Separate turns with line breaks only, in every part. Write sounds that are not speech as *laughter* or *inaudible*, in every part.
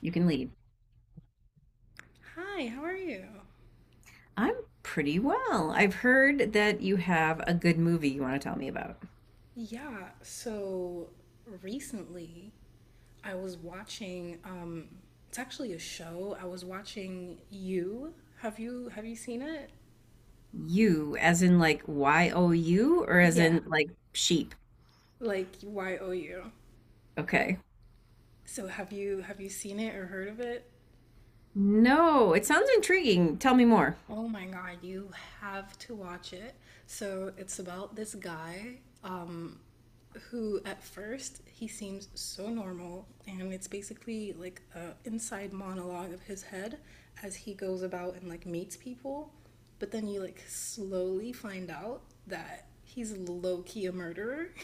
You can lead.
Hi, how are you?
I'm pretty well. I've heard that you have a good movie you want to tell me about.
Yeah, so recently I was watching it's actually a show. I was watching You. Have you seen it?
You, as in like you, or as
Yeah,
in like sheep?
like YOU.
Okay.
So have you seen it or heard of it?
No, it sounds intriguing. Tell me more.
Oh my God, you have to watch it. So it's about this guy um, who, at first, he seems so normal, and it's basically like a inside monologue of his head as he goes about and like meets people. But then you like slowly find out that he's low key a murderer. *laughs*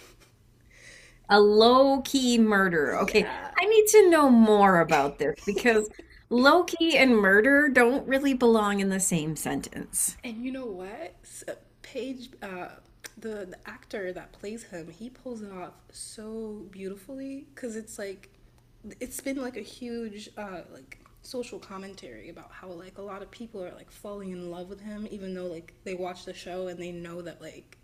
A low key murder. Okay,
Yeah.
I need to know more about this because low key and murder don't really belong in the same sentence.
And you know what? Paige, the actor that plays him, he pulls it off so beautifully because it's like, it's been like a huge, like, social commentary about how like a lot of people are like falling in love with him even though like they watch the show and they know that like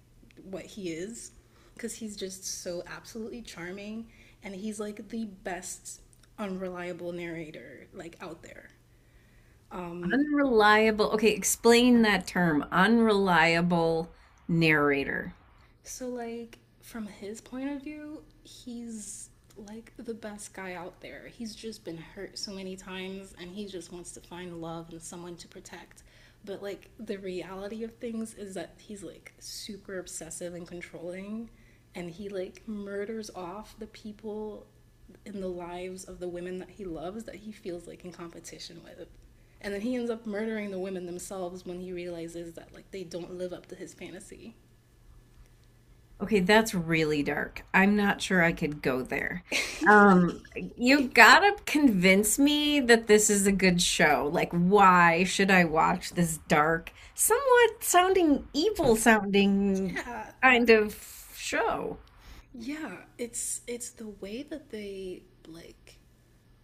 what he is because he's just so absolutely charming and he's like the best unreliable narrator like out there.
Unreliable. Okay, explain that term. Unreliable narrator.
So, like, from his point of view, he's like the best guy out there. He's just been hurt so many times and he just wants to find love and someone to protect. But, like, the reality of things is that he's like super obsessive and controlling and he like murders off the people in the lives of the women that he loves that he feels like in competition with. And then he ends up murdering the women themselves when he realizes that like they don't live up to his fantasy.
Okay, that's really dark. I'm not sure I could go there. Um, you gotta convince me that this is a good show. Like, why should I watch this dark, somewhat sounding evil sounding
Yeah,
kind of show?
yeah, it's the way that they like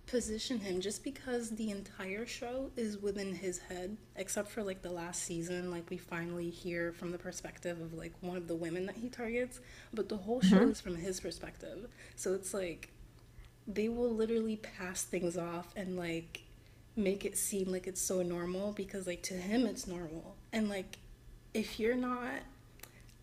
position him just because the entire show is within his head except for like the last season, like we finally hear from the perspective of like one of the women that he targets, but the whole show
Mhm.
is from his perspective, so it's like they will literally pass things off and like make it seem like it's so normal because like to him it's normal. And like if you're not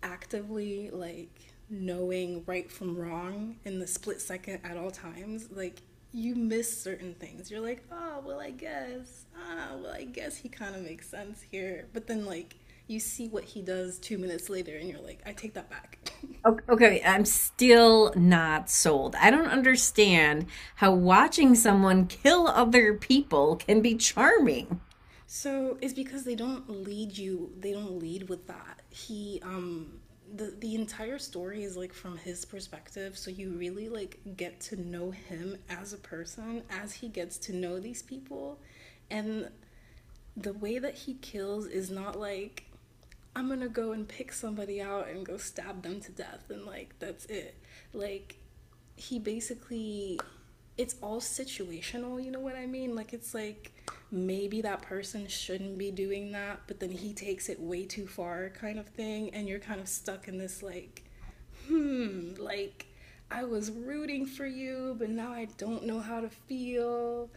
actively like knowing right from wrong in the split second at all times, like you miss certain things. You're like, oh, well, I guess, ah, well, I guess he kind of makes sense here. But then, like, you see what he does 2 minutes later, and you're like, I take that back. *laughs*
Okay, I'm still not sold. I don't understand how watching someone kill other people can be charming.
So it's because they don't lead you. They don't lead with that. He the entire story is like from his perspective, so you really like get to know him as a person as he gets to know these people, and the way that he kills is not like, I'm gonna go and pick somebody out and go stab them to death and like that's it. Like he basically it's all situational, you know what I mean? Like it's like maybe that person shouldn't be doing that, but then he takes it way too far kind of thing, and you're kind of stuck in this like, hmm, like I was rooting for you, but now I don't know how to feel.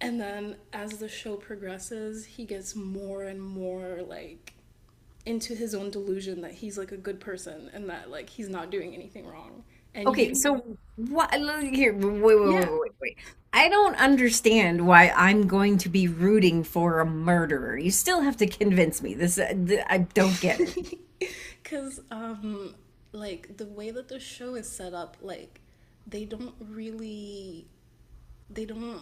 And then as the show progresses, he gets more and more like into his own delusion that he's like a good person and that like he's not doing anything wrong. And
Okay,
you,
so what? Here, wait, wait, wait,
yeah.
wait, wait. I don't understand why I'm going to be rooting for a murderer. You still have to convince me. I don't get it.
*laughs* Because, like, the way that the show is set up, like, they don't really they don't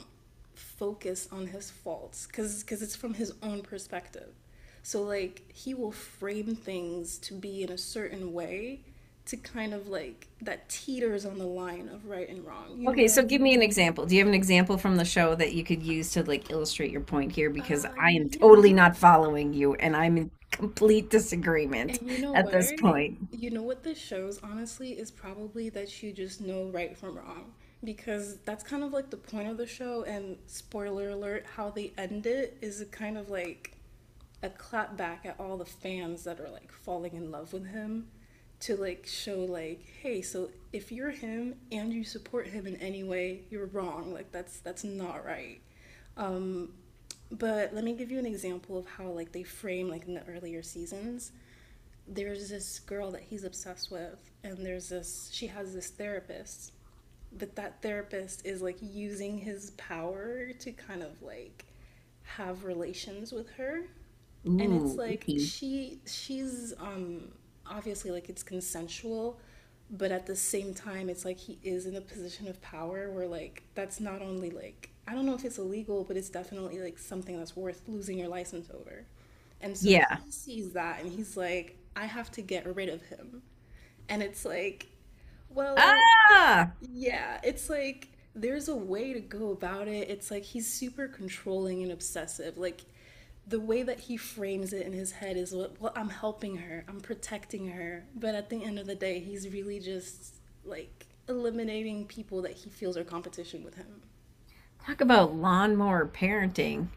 focus on his faults because it's from his own perspective. So like he will frame things to be in a certain way to kind of like that teeters on the line of right and wrong. You know
Okay,
what I
so give me
mean?
an example. Do you have an example from the show that you could use to like illustrate your point here? Because I am totally
Yeah.
not following you and I'm in complete
And
disagreement
you know
at
what?
this point.
You know what this shows, honestly, is probably that you just know right from wrong. Because that's kind of like the point of the show, and spoiler alert, how they end it is a kind of like a clap back at all the fans that are like falling in love with him, to like show like, hey, so if you're him and you support him in any way, you're wrong. Like that's not right. Um, but let me give you an example of how like they frame like in the earlier seasons. There's this girl that he's obsessed with, and there's this, she has this therapist, but that therapist is like using his power to kind of like have relations with her. And it's
Ooh,
like
icky.
she's obviously like it's consensual, but at the same time it's like he is in a position of power where like that's not only like, I don't know if it's illegal, but it's definitely like something that's worth losing your license over. And so
Yeah.
he sees that and he's like, I have to get rid of him. And it's like, well,
Ah!
yeah, it's like there's a way to go about it. It's like he's super controlling and obsessive. Like the way that he frames it in his head is what, well, I'm helping her, I'm protecting her. But at the end of the day, he's really just like eliminating people that he feels are competition with him.
Talk about lawnmower parenting.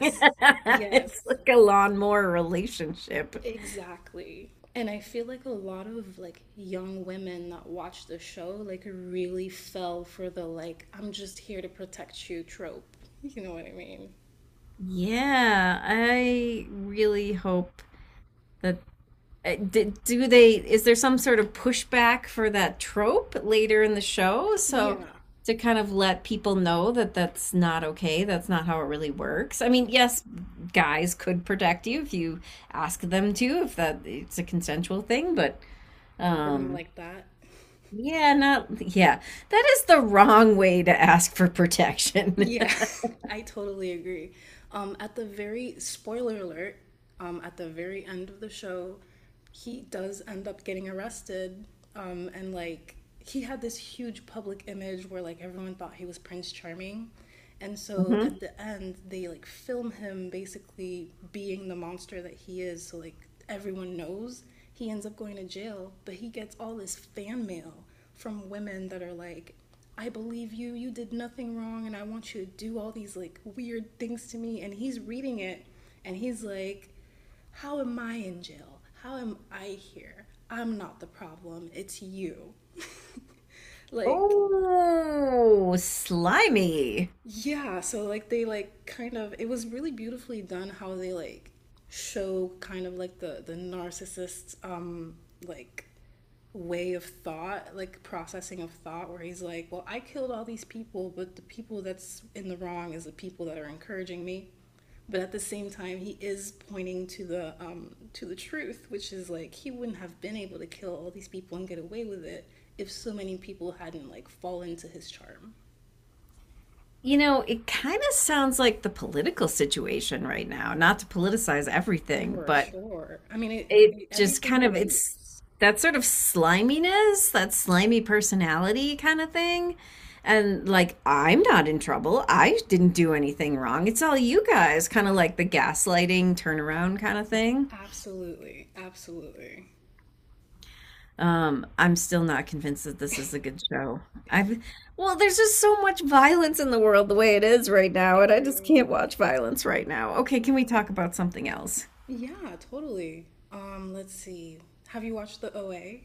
*laughs* It's
yes.
like a lawnmower relationship.
Exactly. And I feel like a lot of like young women that watch the show like really fell for the like I'm just here to protect you trope. You know what I mean?
Yeah, I really hope that Uh, do they? Is there some sort of pushback for that trope later in the show? So
Yeah,
to kind of let people know that that's not okay. That's not how it really works. I mean, yes, guys could protect you if you ask them to, if that it's a consensual thing. But
but not
um,
like that.
yeah, not yeah. That is the wrong way to ask for protection.
Yeah,
*laughs*
*laughs* I totally agree. At the very spoiler alert, at the very end of the show, he does end up getting arrested. And like he had this huge public image where like everyone thought he was Prince Charming. And so at
Mhm.
the end, they like film him basically being the monster that he is. So like everyone knows he ends up going to jail, but he gets all this fan mail from women that are like, I believe you, you did nothing wrong, and I want you to do all these like weird things to me. And he's reading it and he's like, how am I in jail? How am I here? I'm not the problem, it's you. *laughs* Like,
Oh, slimy.
yeah, so like they like kind of it was really beautifully done how they like show kind of like the narcissist's like way of thought, like processing of thought, where he's like, "Well, I killed all these people, but the people that's in the wrong is the people that are encouraging me." But at the same time, he is pointing to the truth, which is like he wouldn't have been able to kill all these people and get away with it if so many people hadn't like fallen to his charm.
You know, it kind of sounds like the political situation right now, not to politicize everything,
For
but
sure. I mean, it,
it
it
just
everything
kind of it's
relates.
that sort of sliminess, that slimy personality kind of thing. And like, I'm not in trouble. I didn't do anything wrong. It's all you guys, kind of like the gaslighting turnaround kind of thing.
Absolutely, absolutely.
I'm still not convinced that this is a good show. I've, there's just so much violence in the world the way it is right now, and I just
True.
can't watch violence right now. Okay, can we talk about something else?
Yeah, totally. Let's see. Have you watched The OA?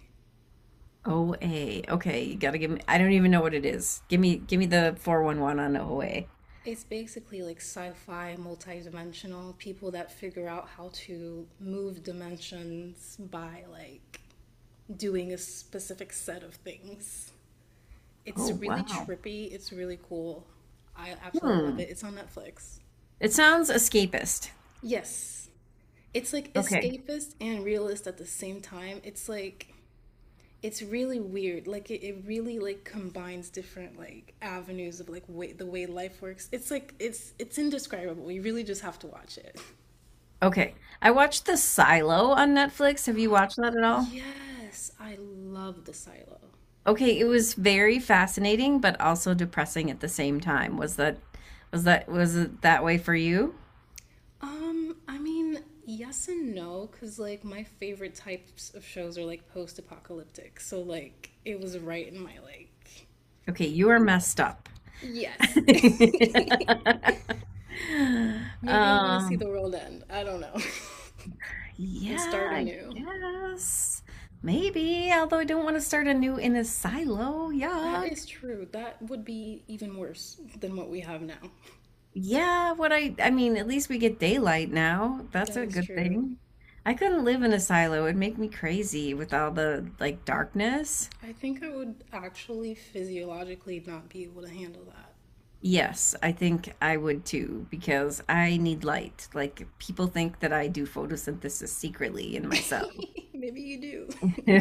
OA. Okay, you gotta give me, I don't even know what it is. Give me the 411 on OA.
It's basically like sci-fi, multi-dimensional people that figure out how to move dimensions by like doing a specific set of things. It's
Oh,
really
wow.
trippy, it's really cool. I absolutely love
Hmm.
it. It's on Netflix.
It sounds escapist.
Yes, it's like
Okay.
escapist and realist at the same time. It's like it's really weird. Like it really like combines different like avenues of like way the way life works. It's like it's indescribable. You really just have to watch it.
Okay. I watched The Silo on Netflix. Have you watched that at all?
Yes, I love the silo.
Okay, it was very fascinating, but also depressing at the same time. Was it that way for you?
I mean, yes and no, because like my favorite types of shows are like post-apocalyptic. So like it was right in my like
Okay,
feel.
you are messed up. *laughs*
Yes. *laughs* Maybe I want to see the
um,
world end. I don't know. *laughs* And
yeah,
start
I
anew.
guess maybe. Although I don't want to start anew in a silo.
That
Yuck.
is true. That would be even worse than what we have now.
Yeah, what I mean, at least we get daylight now. That's
That
a
is
good
true.
thing. I couldn't live in a silo. It'd make me crazy with all the like darkness.
I think I would actually physiologically not be able to handle
Yes, I think I would too, because I need light. Like people think that I do photosynthesis secretly in
that.
myself. *laughs*
*laughs* Maybe you do.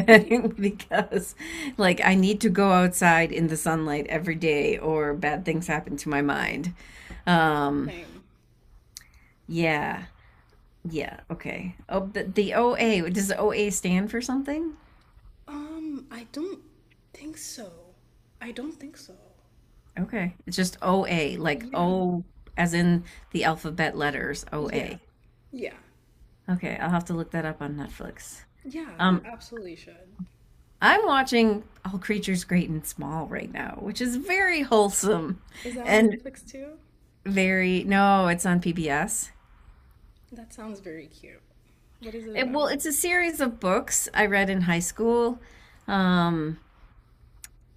*laughs*
like I need to go outside in the sunlight every day or bad things happen to my mind. Um,
Same.
yeah. Yeah, okay. Oh, but the OA, does OA stand for something?
I don't think so. I don't think so.
Okay. It's just OA, like
Yeah.
O as in the alphabet letters,
Yeah.
OA.
Yeah.
Okay, I'll have to look that up on Netflix.
Yeah, you
Um,
absolutely should.
I'm watching All Creatures Great and Small right now, which is very wholesome
Is that on
and
Netflix too?
no, it's on PBS.
That sounds very cute. What is it about?
It's a series of books I read in high school. Um,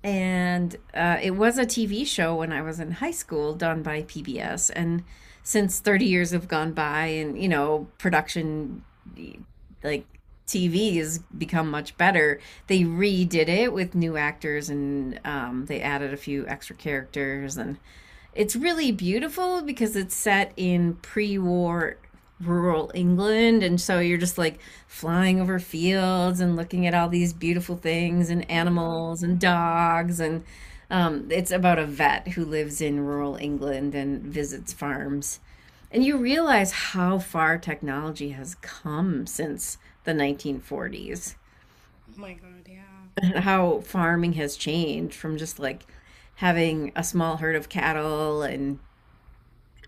and It was a TV show when I was in high school, done by PBS. And since 30 years have gone by, and you know, production like TV has become much better. They redid it with new actors, and they added a few extra characters, and it's really beautiful because it's set in pre war rural England. And so you're just like flying over fields and looking at all these beautiful things and
I love
animals and
that.
dogs. And it's about a vet who lives in rural England and visits farms. And you realize how far technology has come since the 1940s
Oh my God, yeah.
and how farming has changed from just like having a small herd of cattle and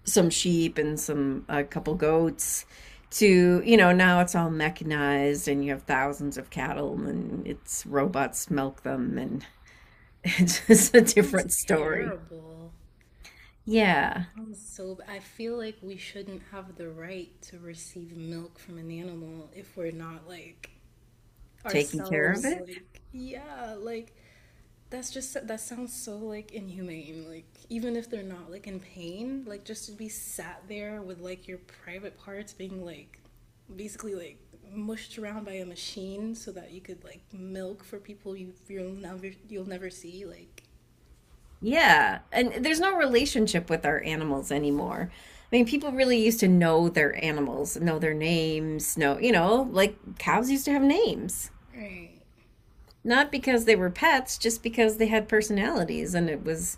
some sheep and some a couple goats to you know now it's all mechanized and you have thousands of cattle and it's robots milk them and *laughs* it's just a
That sounds
different story
terrible.
yeah
Sounds so b- I feel like we shouldn't have the right to receive milk from an animal if we're not like
taking care of
ourselves
it
like, yeah, like that's just that sounds so like inhumane. Like even if they're not like in pain, like just to be sat there with like your private parts being like basically like mushed around by a machine so that you could like milk for people you'll never you'll never see like,
yeah and there's no relationship with our animals anymore. I mean people really used to know their animals, know their names, know you know like cows used to have names
right.
not because they were pets just because they had personalities and it was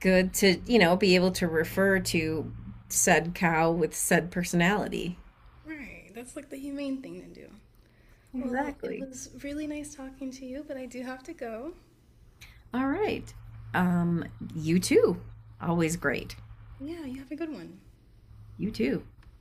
good to, you know, be able to refer to said cow with said personality.
Right. That's like the humane thing to do. Well, it
Exactly.
was really nice talking to you, but I do have to go.
All right. Um, you too. Always great.
Yeah, you have a good one.
You too.